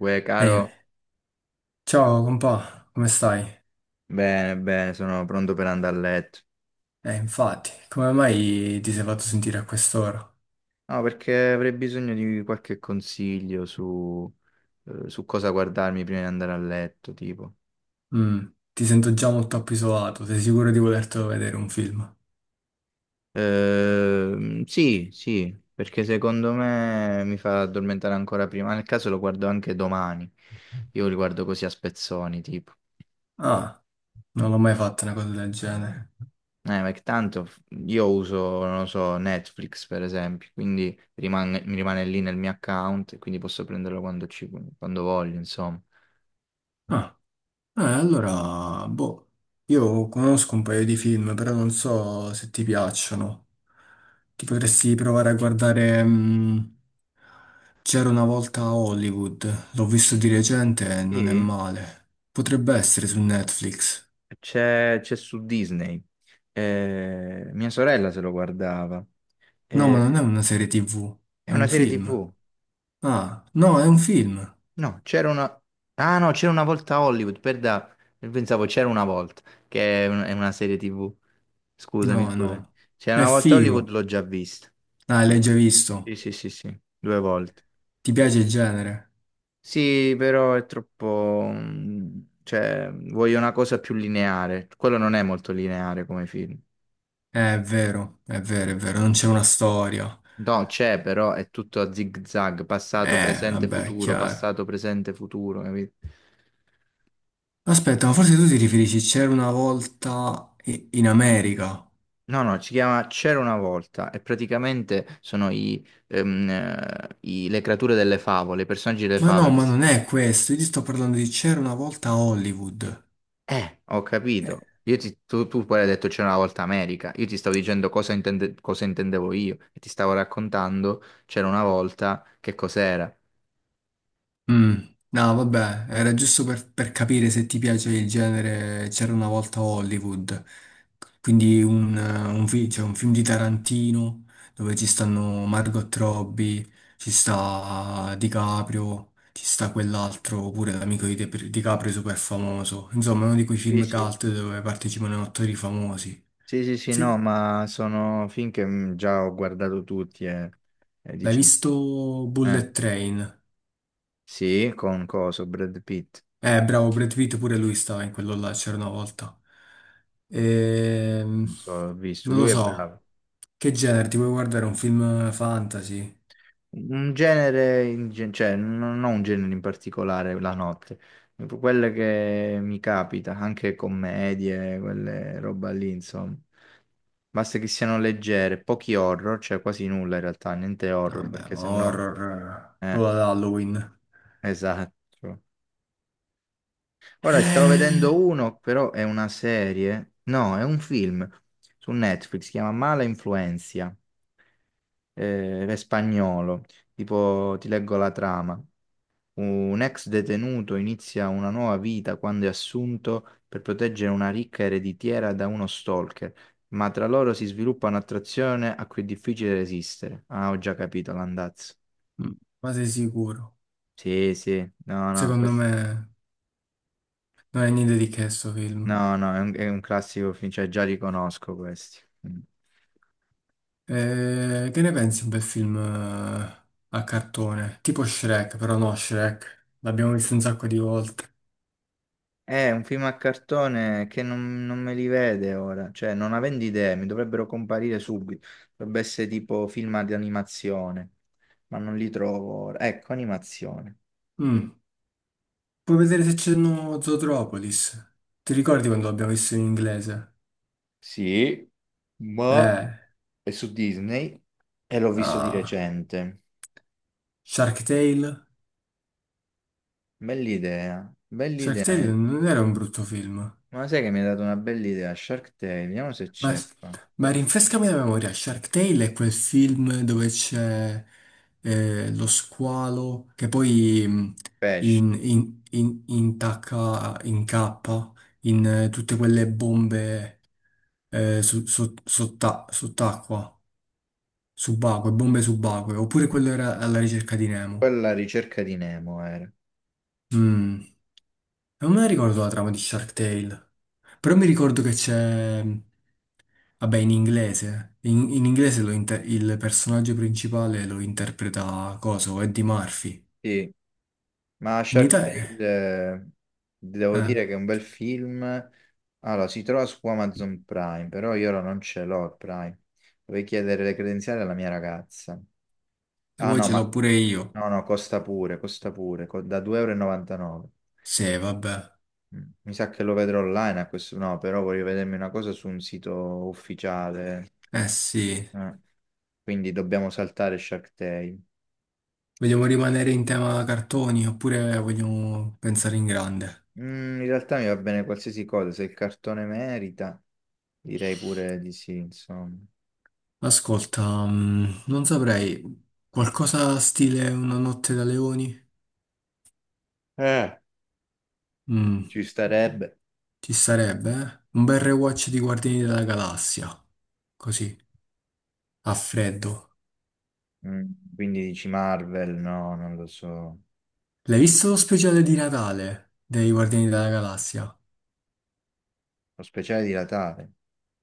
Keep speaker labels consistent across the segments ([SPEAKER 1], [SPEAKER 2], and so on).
[SPEAKER 1] Uè,
[SPEAKER 2] Ehi,
[SPEAKER 1] caro.
[SPEAKER 2] ciao compà, come stai?
[SPEAKER 1] Bene, bene, sono pronto per andare a letto.
[SPEAKER 2] Infatti, come mai ti sei fatto sentire a quest'ora?
[SPEAKER 1] No, perché avrei bisogno di qualche consiglio su cosa guardarmi prima di andare a letto, tipo.
[SPEAKER 2] Mm, ti sento già molto appisolato, sei sicuro di volertelo vedere un film?
[SPEAKER 1] Sì, sì, perché secondo me mi fa addormentare ancora prima. Nel caso lo guardo anche domani. Io li guardo così a spezzoni, tipo.
[SPEAKER 2] Ah, non l'ho mai fatto una cosa del genere.
[SPEAKER 1] Eh, ma che tanto f- io uso, non lo so, Netflix per esempio, quindi mi rimane lì nel mio account, e quindi posso prenderlo quando voglio, insomma.
[SPEAKER 2] Ah, eh, allora, boh, io conosco un paio di film, però non so se ti piacciono. Ti potresti provare a guardare C'era una volta a Hollywood, l'ho visto di recente e non è
[SPEAKER 1] Sì,
[SPEAKER 2] male. Potrebbe essere su Netflix.
[SPEAKER 1] c'è su Disney. Mia sorella se lo guardava.
[SPEAKER 2] No, ma non è
[SPEAKER 1] Eh,
[SPEAKER 2] una serie TV,
[SPEAKER 1] è
[SPEAKER 2] è
[SPEAKER 1] una
[SPEAKER 2] un
[SPEAKER 1] serie
[SPEAKER 2] film.
[SPEAKER 1] TV.
[SPEAKER 2] Ah, no, è un film.
[SPEAKER 1] No, c'era una. Ah no, c'era una volta a Hollywood, pensavo c'era una volta, che è, è una serie TV. Scusami,
[SPEAKER 2] No,
[SPEAKER 1] scusami.
[SPEAKER 2] no,
[SPEAKER 1] C'era
[SPEAKER 2] è
[SPEAKER 1] una volta a Hollywood,
[SPEAKER 2] figo.
[SPEAKER 1] l'ho già vista.
[SPEAKER 2] Ah, l'hai già
[SPEAKER 1] Sì,
[SPEAKER 2] visto.
[SPEAKER 1] sì, sì, sì, due volte.
[SPEAKER 2] Ti piace il genere?
[SPEAKER 1] Sì, però è troppo, cioè, voglio una cosa più lineare. Quello non è molto lineare come film.
[SPEAKER 2] È vero, è vero, è vero, non c'è una storia.
[SPEAKER 1] No, c'è, però è tutto a zig-zag,
[SPEAKER 2] Vabbè, chiaro.
[SPEAKER 1] passato, presente, futuro, capito?
[SPEAKER 2] Aspetta, ma forse tu ti riferisci, c'era una volta i- in America.
[SPEAKER 1] No, no, si chiama C'era una volta e praticamente sono le creature delle favole, i personaggi delle
[SPEAKER 2] Ma no,
[SPEAKER 1] favole che
[SPEAKER 2] ma
[SPEAKER 1] si.
[SPEAKER 2] non è questo, io ti sto parlando di c'era una volta a Hollywood.
[SPEAKER 1] Ho capito. Io tu poi hai detto c'era una volta America. Io ti stavo dicendo cosa intendevo io e ti stavo raccontando c'era una volta che cos'era.
[SPEAKER 2] Mm, no, vabbè, era giusto per capire se ti piace il genere C'era una volta a Hollywood, quindi cioè un film di Tarantino dove ci stanno Margot Robbie, ci sta DiCaprio, ci sta quell'altro, pure l'amico di DiCaprio super famoso. Insomma, uno di quei
[SPEAKER 1] Sì,
[SPEAKER 2] film
[SPEAKER 1] sì.
[SPEAKER 2] cult dove partecipano attori famosi.
[SPEAKER 1] Sì, sì, sì, no,
[SPEAKER 2] Sì,
[SPEAKER 1] ma sono film che già ho guardato tutti e
[SPEAKER 2] l'hai
[SPEAKER 1] diciamo,
[SPEAKER 2] visto
[SPEAKER 1] eh,
[SPEAKER 2] Bullet Train?
[SPEAKER 1] sì, con coso, Brad Pitt,
[SPEAKER 2] Bravo, Brad Pitt pure lui stava in quello là, c'era una volta. Ehm,
[SPEAKER 1] non so, ho visto,
[SPEAKER 2] non lo
[SPEAKER 1] lui è
[SPEAKER 2] so,
[SPEAKER 1] bravo.
[SPEAKER 2] che genere, ti vuoi guardare un film fantasy?
[SPEAKER 1] Un genere, cioè non ho un genere in particolare la notte, quelle che mi capita, anche commedie, quelle roba lì, insomma. Basta che siano leggere, pochi horror, cioè quasi nulla in realtà, niente
[SPEAKER 2] No,
[SPEAKER 1] horror,
[SPEAKER 2] vabbè,
[SPEAKER 1] perché
[SPEAKER 2] ma
[SPEAKER 1] sennò...
[SPEAKER 2] horror,
[SPEAKER 1] Eh,
[SPEAKER 2] quello ad Halloween.
[SPEAKER 1] esatto. Ora stavo vedendo
[SPEAKER 2] Eh,
[SPEAKER 1] uno, però è una serie, no, è un film su Netflix, si chiama Mala Influenza, è spagnolo, tipo ti leggo la trama. Un ex detenuto inizia una nuova vita quando è assunto per proteggere una ricca ereditiera da uno stalker, ma tra loro si sviluppa un'attrazione a cui è difficile resistere. Ah, ho già capito l'andazzo.
[SPEAKER 2] Ma sei sicuro?
[SPEAKER 1] Sì, sì, no, no,
[SPEAKER 2] Secondo me non è niente di che sto film.
[SPEAKER 1] no, no, è un classico film, cioè già riconosco questi. Mm.
[SPEAKER 2] Che ne pensi di un bel film a cartone? Tipo Shrek, però no Shrek, l'abbiamo visto un sacco di volte.
[SPEAKER 1] È un film a cartone che non me li vede ora, cioè non avendo idee, mi dovrebbero comparire subito. Dovrebbe essere tipo film di animazione, ma non li trovo ora. Ecco, animazione.
[SPEAKER 2] Mm. Puoi vedere se c'è no Zootropolis. Ti ricordi quando l'abbiamo visto in inglese?
[SPEAKER 1] Sì, ma
[SPEAKER 2] Eh,
[SPEAKER 1] è su Disney e l'ho visto di
[SPEAKER 2] ah,
[SPEAKER 1] recente.
[SPEAKER 2] Shark Tale.
[SPEAKER 1] Bell'idea,
[SPEAKER 2] Shark Tale
[SPEAKER 1] bell'idea.
[SPEAKER 2] non era un brutto film.
[SPEAKER 1] Ma sai che mi ha dato una bella idea? Shark Tale, vediamo se
[SPEAKER 2] Ma,
[SPEAKER 1] c'è qua.
[SPEAKER 2] ma rinfrescami la memoria, Shark Tale è quel film dove c'è lo squalo che poi
[SPEAKER 1] Pesce,
[SPEAKER 2] incappa in tutte quelle bombe sott'acqua. Subacquee, bombe subacquee, oppure quello era alla ricerca di Nemo.
[SPEAKER 1] quella ricerca di Nemo era.
[SPEAKER 2] Mm, non me la ricordo la trama di Shark Tale, però mi ricordo che c'è, vabbè, in inglese, in, in inglese il personaggio principale lo interpreta, coso, Eddie Murphy.
[SPEAKER 1] Sì, ma
[SPEAKER 2] In
[SPEAKER 1] Shark
[SPEAKER 2] Italia,
[SPEAKER 1] Tale,
[SPEAKER 2] eh,
[SPEAKER 1] devo
[SPEAKER 2] eh,
[SPEAKER 1] dire che è un bel film. Allora, si trova su Amazon Prime, però io ora non ce l'ho il Prime. Dovrei chiedere le credenziali alla mia ragazza.
[SPEAKER 2] se
[SPEAKER 1] Ah
[SPEAKER 2] vuoi
[SPEAKER 1] no, non
[SPEAKER 2] ce
[SPEAKER 1] ma
[SPEAKER 2] l'ho
[SPEAKER 1] so.
[SPEAKER 2] pure io.
[SPEAKER 1] No, no, costa pure, da 2,99 euro e novantanove.
[SPEAKER 2] Sì, vabbè,
[SPEAKER 1] Mi sa che lo vedrò online a questo, no, però voglio vedermi una cosa su un sito ufficiale.
[SPEAKER 2] eh sì,
[SPEAKER 1] eh. Quindi dobbiamo saltare Shark Tale.
[SPEAKER 2] vogliamo rimanere in tema cartoni oppure vogliamo pensare in grande?
[SPEAKER 1] In realtà mi va bene qualsiasi cosa, se il cartone merita, direi pure di sì, insomma.
[SPEAKER 2] Ascolta, non saprei, qualcosa stile Una notte da leoni?
[SPEAKER 1] Eh,
[SPEAKER 2] Mm,
[SPEAKER 1] Ci starebbe.
[SPEAKER 2] ci sarebbe, eh? Un bel rewatch di Guardiani della Galassia, così, a freddo.
[SPEAKER 1] Quindi dici Marvel? No, non lo so.
[SPEAKER 2] L'hai visto lo speciale di Natale dei Guardiani della Galassia?
[SPEAKER 1] Lo speciale di Natale?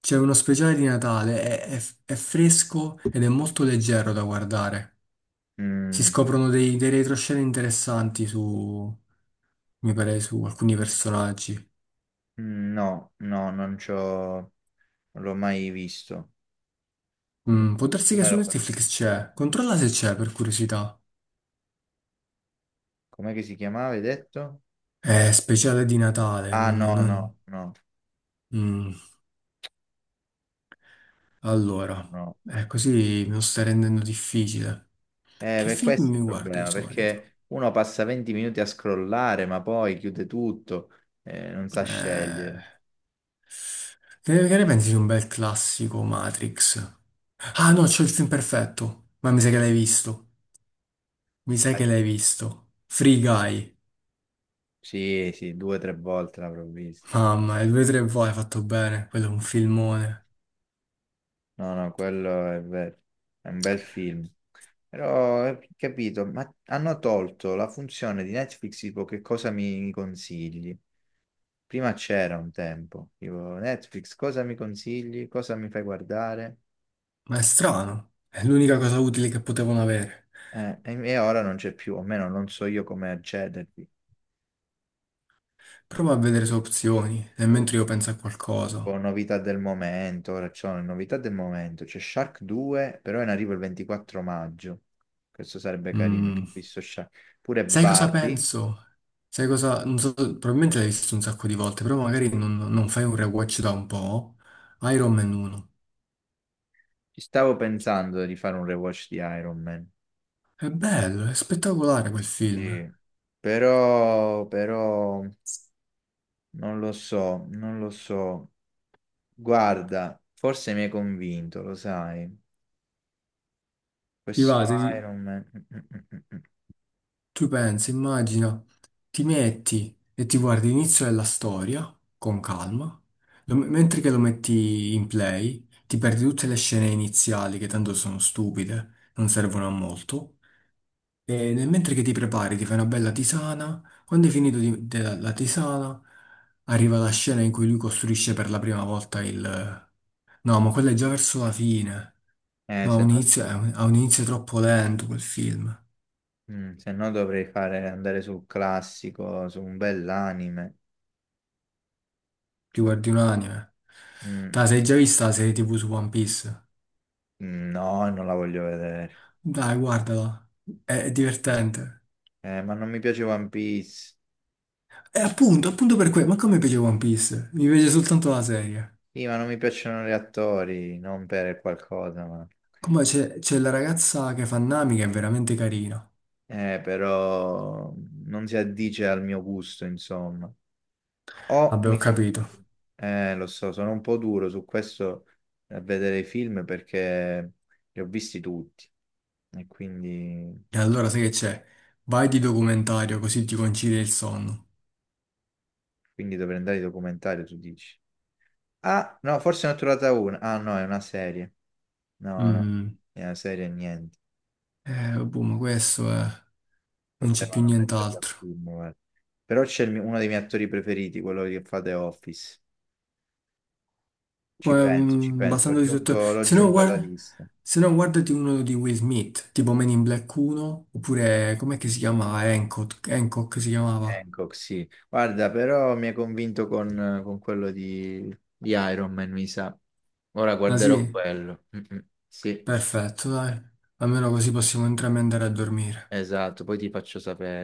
[SPEAKER 2] C'è uno speciale di Natale, è fresco ed è molto leggero da guardare. Si
[SPEAKER 1] Mm,
[SPEAKER 2] scoprono dei retroscena interessanti su, mi pare, su alcuni personaggi.
[SPEAKER 1] mm, no, no, non c'ho... Non l'ho mai visto. E
[SPEAKER 2] Mm, può darsi
[SPEAKER 1] tu
[SPEAKER 2] che
[SPEAKER 1] me
[SPEAKER 2] su
[SPEAKER 1] lo
[SPEAKER 2] Netflix
[SPEAKER 1] consigli.
[SPEAKER 2] c'è, controlla se c'è per curiosità.
[SPEAKER 1] Com'è che si chiamava, hai detto?
[SPEAKER 2] Speciale di Natale.
[SPEAKER 1] Ah, no, no, no,
[SPEAKER 2] Mm. Allora,
[SPEAKER 1] no.
[SPEAKER 2] così me lo sta rendendo difficile. Che
[SPEAKER 1] Per
[SPEAKER 2] film
[SPEAKER 1] questo
[SPEAKER 2] mi
[SPEAKER 1] è il
[SPEAKER 2] guardo di
[SPEAKER 1] problema,
[SPEAKER 2] solito?
[SPEAKER 1] perché uno passa 20 minuti a scrollare, ma poi chiude tutto, non sa
[SPEAKER 2] Eh,
[SPEAKER 1] scegliere.
[SPEAKER 2] che ne pensi di un bel classico Matrix? Ah no, c'ho il film perfetto. Ma mi sa che l'hai visto. Mi sa
[SPEAKER 1] Dai.
[SPEAKER 2] che l'hai visto. Free Guy.
[SPEAKER 1] Sì, sì, due o tre volte l'avrò visto.
[SPEAKER 2] Mamma, il 2-3 voi hai fatto bene. Quello è un filmone.
[SPEAKER 1] No, no, quello è vero, è un bel film. Però, capito, ma hanno tolto la funzione di Netflix, tipo che cosa mi consigli? Prima c'era un tempo, tipo Netflix, cosa mi consigli? Cosa mi fai guardare?
[SPEAKER 2] Ma è strano. È l'unica cosa utile che potevano avere.
[SPEAKER 1] E ora non c'è più, o almeno non so io come accedervi.
[SPEAKER 2] Prova a vedere se opzioni, nel mentre io penso a qualcosa.
[SPEAKER 1] Con novità del momento, ora c'ho le novità del momento, c'è Shark 2, però è in arrivo il 24 maggio. Questo sarebbe carino, perché
[SPEAKER 2] Mm.
[SPEAKER 1] ho visto Shark. Pure
[SPEAKER 2] Sai cosa
[SPEAKER 1] Barbie.
[SPEAKER 2] penso? Sai cosa... Non so, probabilmente l'hai visto un sacco di volte, però magari non fai un rewatch da un po'. Iron Man 1.
[SPEAKER 1] Ci stavo pensando di fare un rewatch di Iron Man.
[SPEAKER 2] È bello, è spettacolare quel film.
[SPEAKER 1] Sì. Però, non lo so, non lo so. Guarda, forse mi hai convinto, lo sai.
[SPEAKER 2] Ti va,
[SPEAKER 1] Questo
[SPEAKER 2] ti-
[SPEAKER 1] Iron Man. Mm, mm, mm, mm, mm.
[SPEAKER 2] tu pensi, immagina, ti metti e ti guardi l'inizio della storia, con calma, mentre che lo metti in play, ti perdi tutte le scene iniziali che tanto sono stupide, non servono a molto. Mentre che ti prepari, ti fai una bella tisana. Quando hai la tisana, arriva la scena in cui lui costruisce per la prima volta il... No, ma quella è già verso la fine.
[SPEAKER 1] Eh,
[SPEAKER 2] No, ha
[SPEAKER 1] se no,
[SPEAKER 2] un inizio, ha un inizio troppo lento quel film.
[SPEAKER 1] se no, dovrei fare, andare sul classico, su un bell'anime.
[SPEAKER 2] Ti guardi un anime.
[SPEAKER 1] Mm.
[SPEAKER 2] Dai, sei già vista la serie TV su One Piece?
[SPEAKER 1] No, non la voglio vedere.
[SPEAKER 2] Dai, guardala. È divertente.
[SPEAKER 1] Ma non mi piace One Piece.
[SPEAKER 2] E appunto, appunto per quello. Ma come piace One Piece? Mi piace soltanto la serie.
[SPEAKER 1] Sì, ma non mi piacciono gli attori, non per qualcosa, ma...
[SPEAKER 2] Come c'è la ragazza che fa Nami che è veramente carina.
[SPEAKER 1] Però non si addice al mio gusto, insomma. O
[SPEAKER 2] Vabbè, ho
[SPEAKER 1] mi...
[SPEAKER 2] capito.
[SPEAKER 1] Lo so, sono un po' duro su questo a vedere i film perché li ho visti tutti. E quindi,
[SPEAKER 2] E allora sai che c'è? Vai di documentario così ti concidi il sonno.
[SPEAKER 1] quindi dovrei andare ai documentari, tu dici. Ah, no, forse ne ho trovata una. Ah, no, è una serie. No, no,
[SPEAKER 2] Mm.
[SPEAKER 1] è una serie e niente.
[SPEAKER 2] Boh, ma questo è... Non c'è più
[SPEAKER 1] Potevano metterla
[SPEAKER 2] nient'altro.
[SPEAKER 1] più. Però c'è il uno dei miei attori preferiti, quello che fa The Office.
[SPEAKER 2] Poi,
[SPEAKER 1] Ci penso,
[SPEAKER 2] basandoti sotto...
[SPEAKER 1] lo
[SPEAKER 2] Se no,
[SPEAKER 1] aggiungo alla
[SPEAKER 2] guarda...
[SPEAKER 1] lista.
[SPEAKER 2] Se no, guardati uno di Will Smith, tipo Men in Black 1, oppure... Com'è che si chiamava? Hancock, Hancock si chiamava.
[SPEAKER 1] Hancock, sì. Guarda, però mi ha convinto con quello di Iron Man, mi sa. Ora
[SPEAKER 2] Ah sì?
[SPEAKER 1] guarderò quello. Mm, mm. Sì,
[SPEAKER 2] Perfetto, dai. Almeno così possiamo entrambi andare a dormire.
[SPEAKER 1] esatto, poi ti faccio sapere.